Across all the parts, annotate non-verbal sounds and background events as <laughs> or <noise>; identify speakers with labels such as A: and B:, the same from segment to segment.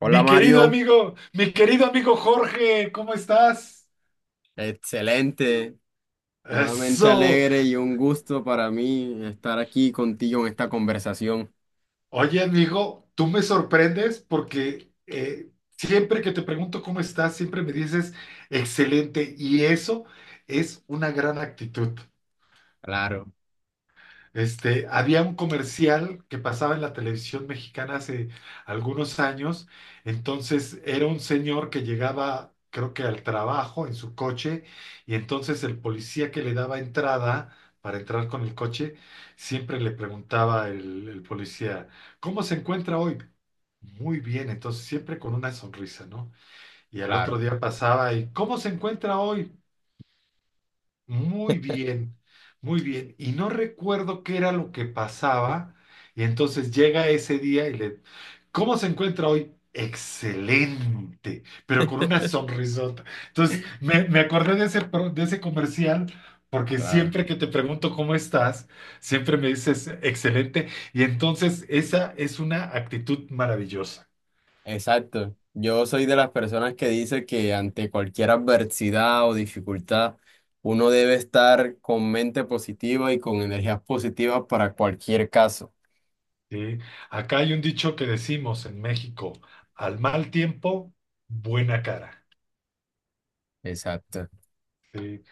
A: Hola, Mario.
B: Mi querido amigo Jorge, ¿cómo estás?
A: Excelente, nuevamente
B: Eso.
A: alegre y un gusto para mí estar aquí contigo en esta conversación.
B: Oye, amigo, tú me sorprendes porque siempre que te pregunto cómo estás, siempre me dices excelente y eso es una gran actitud.
A: Claro,
B: Había un comercial que pasaba en la televisión mexicana hace algunos años. Entonces era un señor que llegaba, creo que al trabajo en su coche, y entonces el policía que le daba entrada para entrar con el coche, siempre le preguntaba el policía, ¿cómo se encuentra hoy? Muy bien. Entonces siempre con una sonrisa, ¿no? Y al otro
A: claro,
B: día pasaba y, ¿cómo se encuentra hoy? Muy bien, muy bien. Y no recuerdo qué era lo que pasaba. Y entonces llega ese día y le... ¿Cómo se encuentra hoy? Excelente, pero con una sonrisota. Entonces, me acordé de ese comercial, porque
A: claro.
B: siempre que te pregunto cómo estás, siempre me dices excelente. Y entonces esa es una actitud maravillosa.
A: Exacto. Yo soy de las personas que dice que ante cualquier adversidad o dificultad, uno debe estar con mente positiva y con energías positivas para cualquier caso.
B: ¿Sí? Acá hay un dicho que decimos en México: al mal tiempo, buena cara.
A: Exacto.
B: ¿Sí?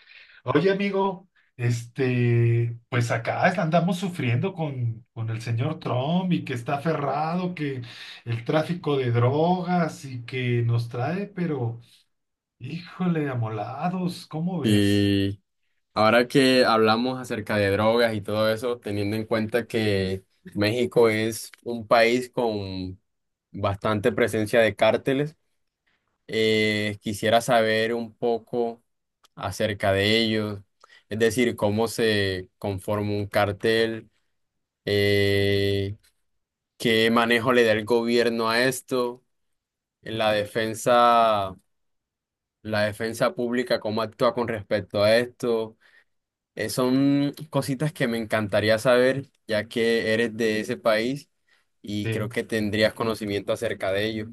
B: Oye, amigo, pues acá andamos sufriendo con el señor Trump, y que está aferrado, que el tráfico de drogas y que nos trae, pero híjole, amolados, ¿cómo ves?
A: Y ahora que hablamos acerca de drogas y todo eso, teniendo en cuenta que México es un país con bastante presencia de cárteles, quisiera saber un poco acerca de ellos, es decir, cómo se conforma un cártel, eh, qué manejo le da el gobierno a esto, la defensa, la defensa pública, cómo actúa con respecto a esto. Son cositas que me encantaría saber, ya que eres de ese país y creo
B: Sí,
A: que tendrías conocimiento acerca de ello.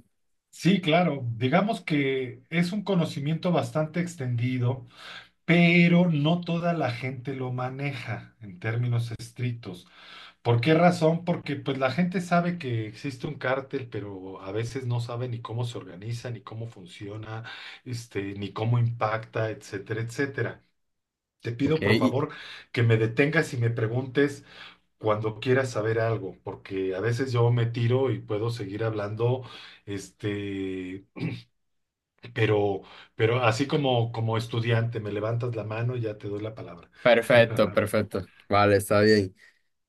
B: sí, claro, digamos que es un conocimiento bastante extendido, pero no toda la gente lo maneja en términos estrictos. ¿Por qué razón? Porque pues la gente sabe que existe un cártel, pero a veces no sabe ni cómo se organiza, ni cómo funciona, ni cómo impacta, etcétera, etcétera. Te
A: Ok,
B: pido por favor que me detengas y me preguntes cuando quieras saber algo, porque a veces yo me tiro y puedo seguir hablando, este, pero, así como estudiante, me levantas la mano y ya te doy la palabra.
A: perfecto,
B: <laughs>
A: perfecto. Vale, está bien.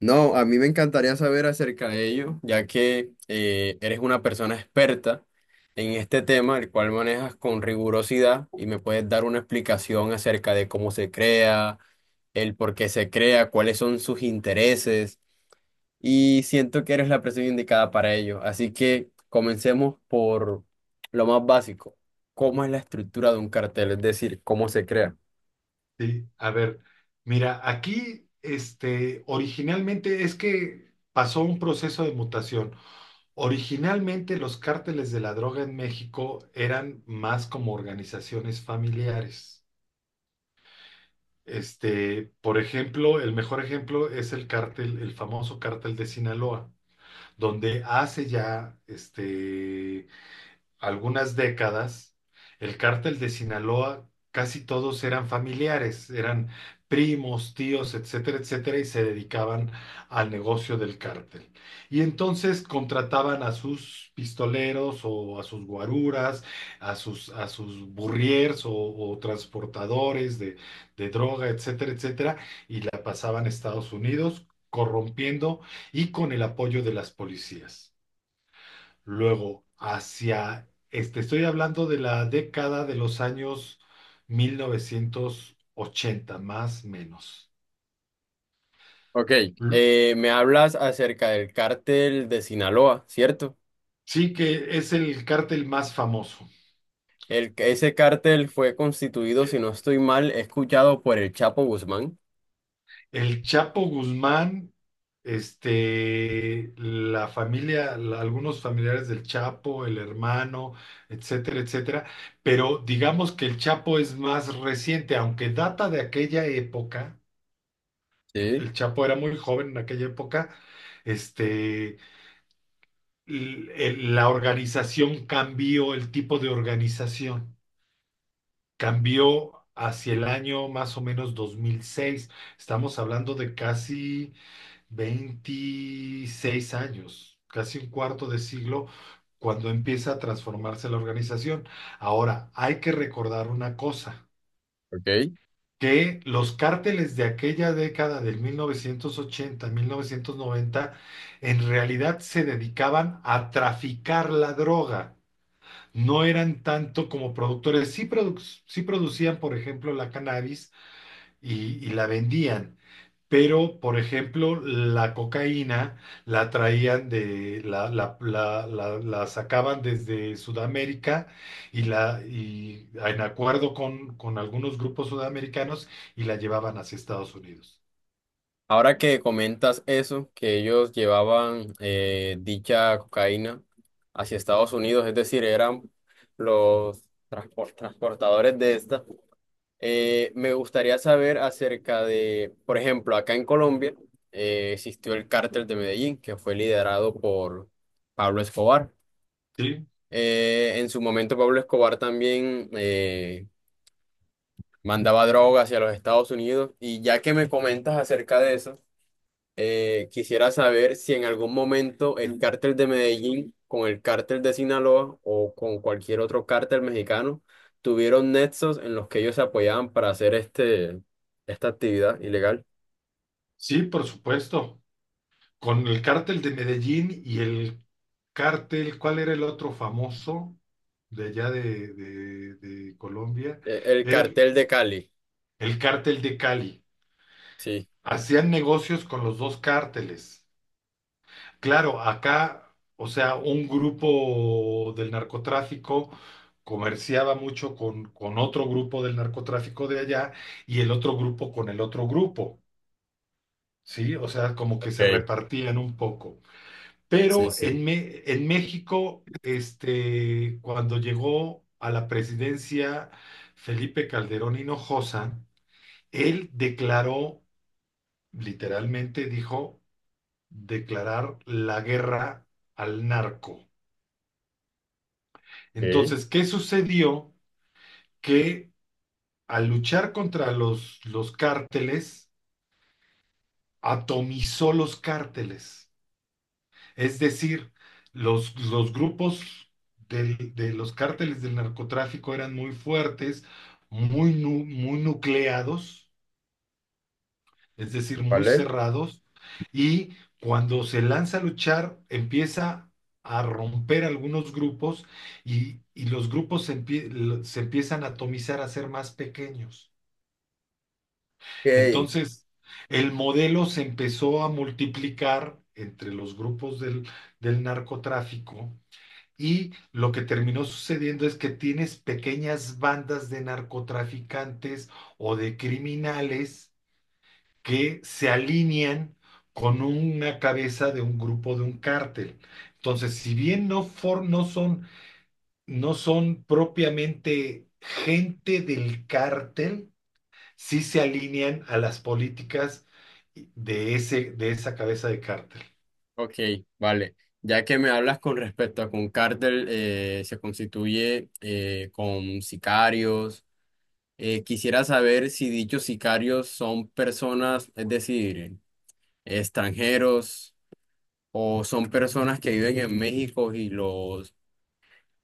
A: No, a mí me encantaría saber acerca de ello, ya que eres una persona experta en este tema, el cual manejas con rigurosidad y me puedes dar una explicación acerca de cómo se crea, el por qué se crea, cuáles son sus intereses. Y siento que eres la persona indicada para ello. Así que comencemos por lo más básico. ¿Cómo es la estructura de un cartel? Es decir, ¿cómo se crea?
B: Sí, a ver, mira, aquí originalmente es que pasó un proceso de mutación. Originalmente los cárteles de la droga en México eran más como organizaciones familiares. Por ejemplo, el mejor ejemplo es el cártel, el famoso cártel de Sinaloa, donde hace ya algunas décadas, el cártel de Sinaloa, casi todos eran familiares, eran primos, tíos, etcétera, etcétera, y se dedicaban al negocio del cártel. Y entonces contrataban a sus pistoleros o a sus guaruras, a sus burriers o transportadores de droga, etcétera, etcétera, y la pasaban a Estados Unidos corrompiendo y con el apoyo de las policías. Luego, estoy hablando de la década de los años 1980, más menos.
A: Ok,
B: L-
A: me hablas acerca del cártel de Sinaloa, ¿cierto?
B: Sí, que es el cártel más famoso.
A: El, ese cártel fue constituido, si
B: Eh,
A: no estoy mal, escuchado por el Chapo Guzmán.
B: El Chapo Guzmán, la familia, algunos familiares del Chapo, el hermano, etcétera, etcétera. Pero digamos que el Chapo es más reciente, aunque data de aquella época.
A: Sí,
B: El Chapo era muy joven en aquella época. Este, la organización cambió, el tipo de organización cambió hacia el año más o menos 2006. Estamos hablando de casi 26 años, casi un cuarto de siglo, cuando empieza a transformarse la organización. Ahora, hay que recordar una cosa,
A: ok.
B: que los cárteles de aquella década del 1980, 1990, en realidad se dedicaban a traficar la droga. No eran tanto como productores, sí, sí producían, por ejemplo, la cannabis, y la vendían, pero, por ejemplo, la cocaína la traían de, la sacaban desde Sudamérica, y en acuerdo con algunos grupos sudamericanos, y la llevaban hacia Estados Unidos.
A: Ahora que comentas eso, que ellos llevaban dicha cocaína hacia Estados Unidos, es decir, eran los transportadores de esta, me gustaría saber acerca de, por ejemplo, acá en Colombia existió el cártel de Medellín, que fue liderado por Pablo Escobar.
B: Sí,
A: En su momento Pablo Escobar también mandaba droga hacia los Estados Unidos y ya que me comentas acerca de eso, quisiera saber si en algún momento el cártel de Medellín con el cártel de Sinaloa o con cualquier otro cártel mexicano tuvieron nexos en los que ellos se apoyaban para hacer este, esta actividad ilegal.
B: sí, por supuesto. Con el cártel de Medellín y el cártel, ¿cuál era el otro famoso de allá, de, de Colombia?
A: El
B: Era el,
A: cartel de Cali.
B: el cártel de Cali.
A: Sí,
B: Hacían negocios con los dos cárteles. Claro, acá, o sea, un grupo del narcotráfico comerciaba mucho con otro grupo del narcotráfico de allá, y el otro grupo con el otro grupo, ¿sí? O sea, como que se
A: ok.
B: repartían un poco.
A: Sí,
B: Pero
A: sí.
B: en, en México, cuando llegó a la presidencia Felipe Calderón Hinojosa, él declaró, literalmente dijo, declarar la guerra al narco.
A: Ok.
B: Entonces, ¿qué sucedió? Que al luchar contra los cárteles, atomizó los cárteles. Es decir, los grupos de los cárteles del narcotráfico eran muy fuertes, muy nucleados, es decir, muy
A: ¿Vale?
B: cerrados, y cuando se lanza a luchar, empieza a romper algunos grupos, y los grupos se empiezan a atomizar, a ser más pequeños.
A: Ok.
B: Entonces, el modelo se empezó a multiplicar entre los grupos del narcotráfico, y lo que terminó sucediendo es que tienes pequeñas bandas de narcotraficantes o de criminales que se alinean con una cabeza de un grupo de un cártel. Entonces, si bien no son propiamente gente del cártel, sí se alinean a las políticas de esa cabeza de cártel.
A: Ok, vale. Ya que me hablas con respecto a que un cártel se constituye con sicarios. Quisiera saber si dichos sicarios son personas, es decir, extranjeros o son personas que viven en México y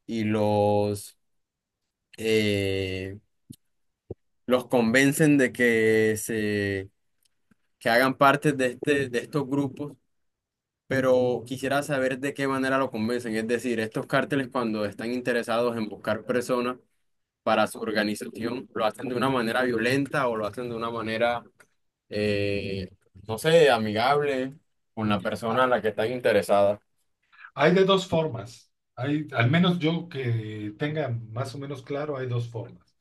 A: y los eh, los convencen de que se que hagan parte de de estos grupos, pero quisiera saber de qué manera lo convencen, es decir, estos cárteles cuando están interesados en buscar personas para su organización, lo hacen de una manera violenta o lo hacen de una manera eh, no sé, amigable, con la persona a
B: Ah,
A: la que están interesadas.
B: hay de dos formas. Hay, al menos yo que tenga más o menos claro, hay dos formas.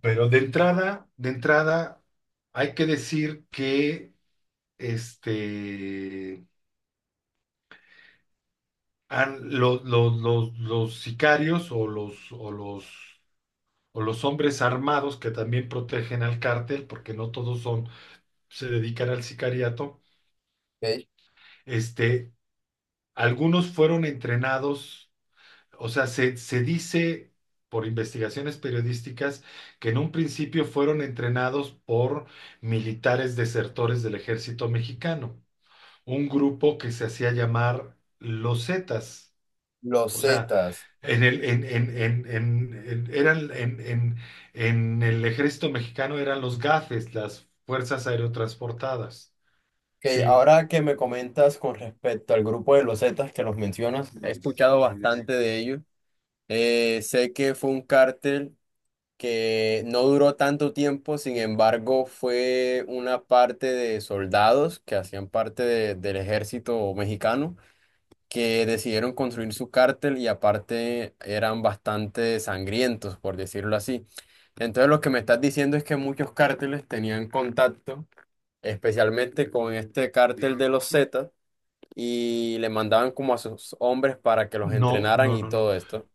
B: Pero de entrada, hay que decir que este, los sicarios o los hombres armados que también protegen al cártel, porque no todos son, se dedican al sicariato,
A: Ok,
B: este, algunos fueron entrenados, o sea, se dice por investigaciones periodísticas que en un principio fueron entrenados por militares desertores del ejército mexicano, un grupo que se hacía llamar los Zetas.
A: los
B: O sea,
A: Zetas.
B: en el, en- en el ejército mexicano eran los GAFES, las Fuerzas Aerotransportadas.
A: Ok,
B: Sí,
A: ahora que me comentas con respecto al grupo de los Zetas que los mencionas, he escuchado bastante de ellos. Sé que fue un cártel que no duró tanto tiempo, sin embargo, fue una parte de soldados que hacían parte del ejército mexicano, que decidieron construir su cártel y aparte eran bastante sangrientos, por decirlo así. Entonces lo que me estás diciendo es que muchos cárteles tenían contacto, especialmente con este cártel de los Zetas, y le mandaban como a sus hombres para que los
B: no,
A: entrenaran
B: no,
A: y
B: no, no.
A: todo esto.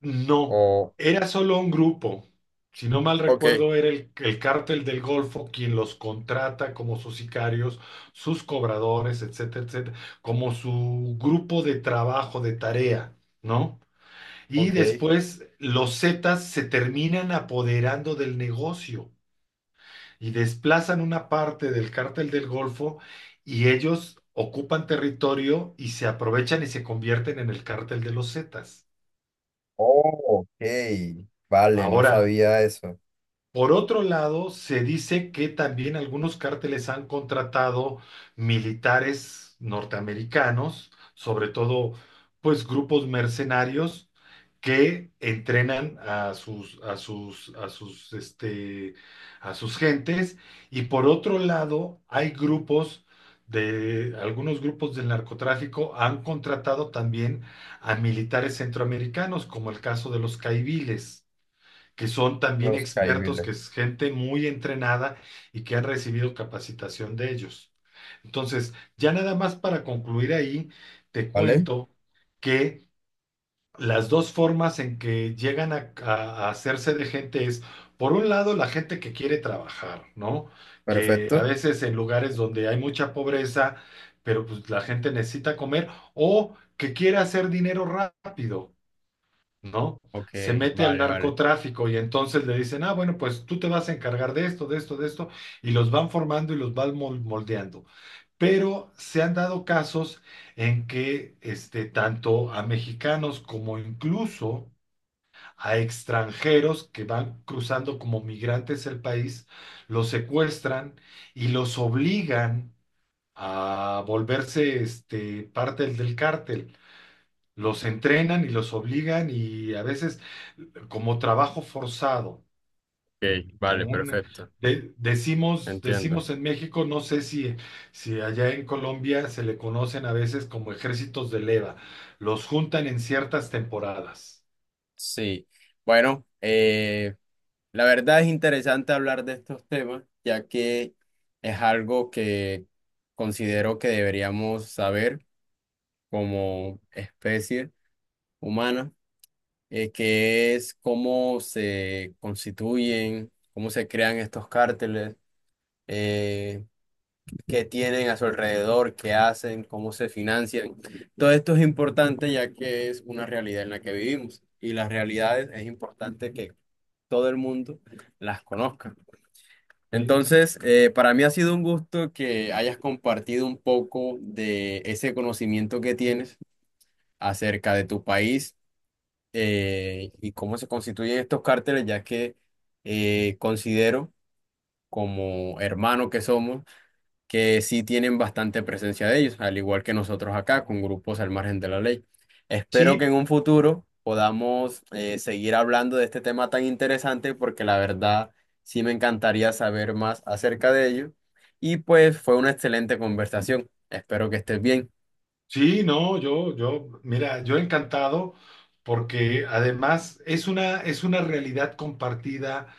B: No,
A: O
B: era solo un grupo. Si no mal
A: ok,
B: recuerdo, era el cártel del Golfo quien los contrata como sus sicarios, sus cobradores, etcétera, etcétera, como su grupo de trabajo, de tarea, ¿no? Y
A: ok.
B: después los Zetas se terminan apoderando del negocio, y desplazan una parte del cártel del Golfo, y ellos ocupan territorio y se aprovechan y se convierten en el cártel de los Zetas.
A: Oh, ok. Vale, no
B: Ahora,
A: sabía eso.
B: por otro lado, se dice que también algunos cárteles han contratado militares norteamericanos, sobre todo pues grupos mercenarios que entrenan a sus a sus a sus a sus gentes, y por otro lado hay grupos, de algunos grupos del narcotráfico han contratado también a militares centroamericanos, como el caso de los caiviles, que son también
A: Los
B: expertos,
A: Caibiles.
B: que es gente muy entrenada y que han recibido capacitación de ellos. Entonces, ya nada más para concluir ahí, te
A: Vale,
B: cuento que las dos formas en que llegan a hacerse de gente es, por un lado, la gente que quiere trabajar, ¿no? Que a
A: perfecto.
B: veces en lugares donde hay mucha pobreza, pero pues la gente necesita comer o que quiere hacer dinero rápido, ¿no?
A: Ok,
B: Se mete al
A: vale, vale.
B: narcotráfico, y entonces le dicen: ah, bueno, pues tú te vas a encargar de esto, de esto, de esto, y los van formando y los van moldeando. Pero se han dado casos en que tanto a mexicanos como incluso a extranjeros que van cruzando como migrantes el país, los secuestran y los obligan a volverse parte del cártel. Los entrenan y los obligan, y a veces como trabajo forzado,
A: Ok, vale,
B: como un,
A: perfecto.
B: de- decimos,
A: Entiendo.
B: decimos en México, no sé si, si allá en Colombia se le conocen a veces como ejércitos de leva, los juntan en ciertas temporadas.
A: Sí, bueno, la verdad es interesante hablar de estos temas, ya que es algo que considero que deberíamos saber como especie humana, que es cómo se constituyen, cómo se crean estos cárteles, eh, qué tienen a su alrededor, qué hacen, cómo se financian. Todo esto es importante ya que es una realidad en la que vivimos y las realidades es importante que todo el mundo las conozca.
B: ¿Sí?
A: Entonces, para mí ha sido un gusto que hayas compartido un poco de ese conocimiento que tienes acerca de tu país, y cómo se constituyen estos cárteles, ya que considero, como hermano que somos, que sí tienen bastante presencia de ellos, al igual que nosotros acá, con grupos al margen de la ley. Espero que
B: Sí,
A: en un futuro podamos seguir hablando de este tema tan interesante, porque la verdad sí me encantaría saber más acerca de ello. Y pues fue una excelente conversación. Espero que estés bien.
B: sí, no, mira, yo encantado, porque además es una realidad compartida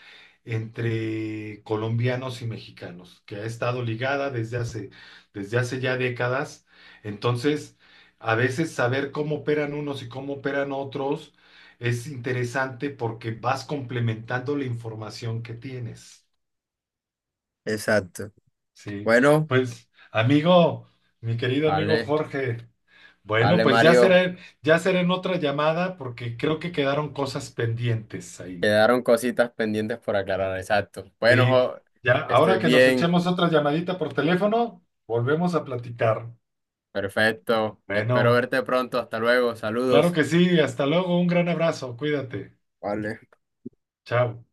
B: entre colombianos y mexicanos, que ha estado ligada desde hace, ya décadas. Entonces, a veces saber cómo operan unos y cómo operan otros es interesante, porque vas complementando la información que tienes.
A: Exacto.
B: Sí,
A: Bueno,
B: pues, amigo, mi querido amigo
A: vale,
B: Jorge. Bueno,
A: vale,
B: pues ya
A: Mario.
B: será, en otra llamada, porque creo que quedaron cosas pendientes ahí.
A: Quedaron cositas pendientes por aclarar, exacto. Bueno,
B: Sí, ya,
A: que
B: ahora
A: estés
B: que nos
A: bien.
B: echemos otra llamadita por teléfono, volvemos a platicar.
A: Perfecto. Espero
B: Bueno,
A: verte pronto. Hasta luego.
B: claro
A: Saludos.
B: que sí, hasta luego, un gran abrazo, cuídate,
A: Vale.
B: chao.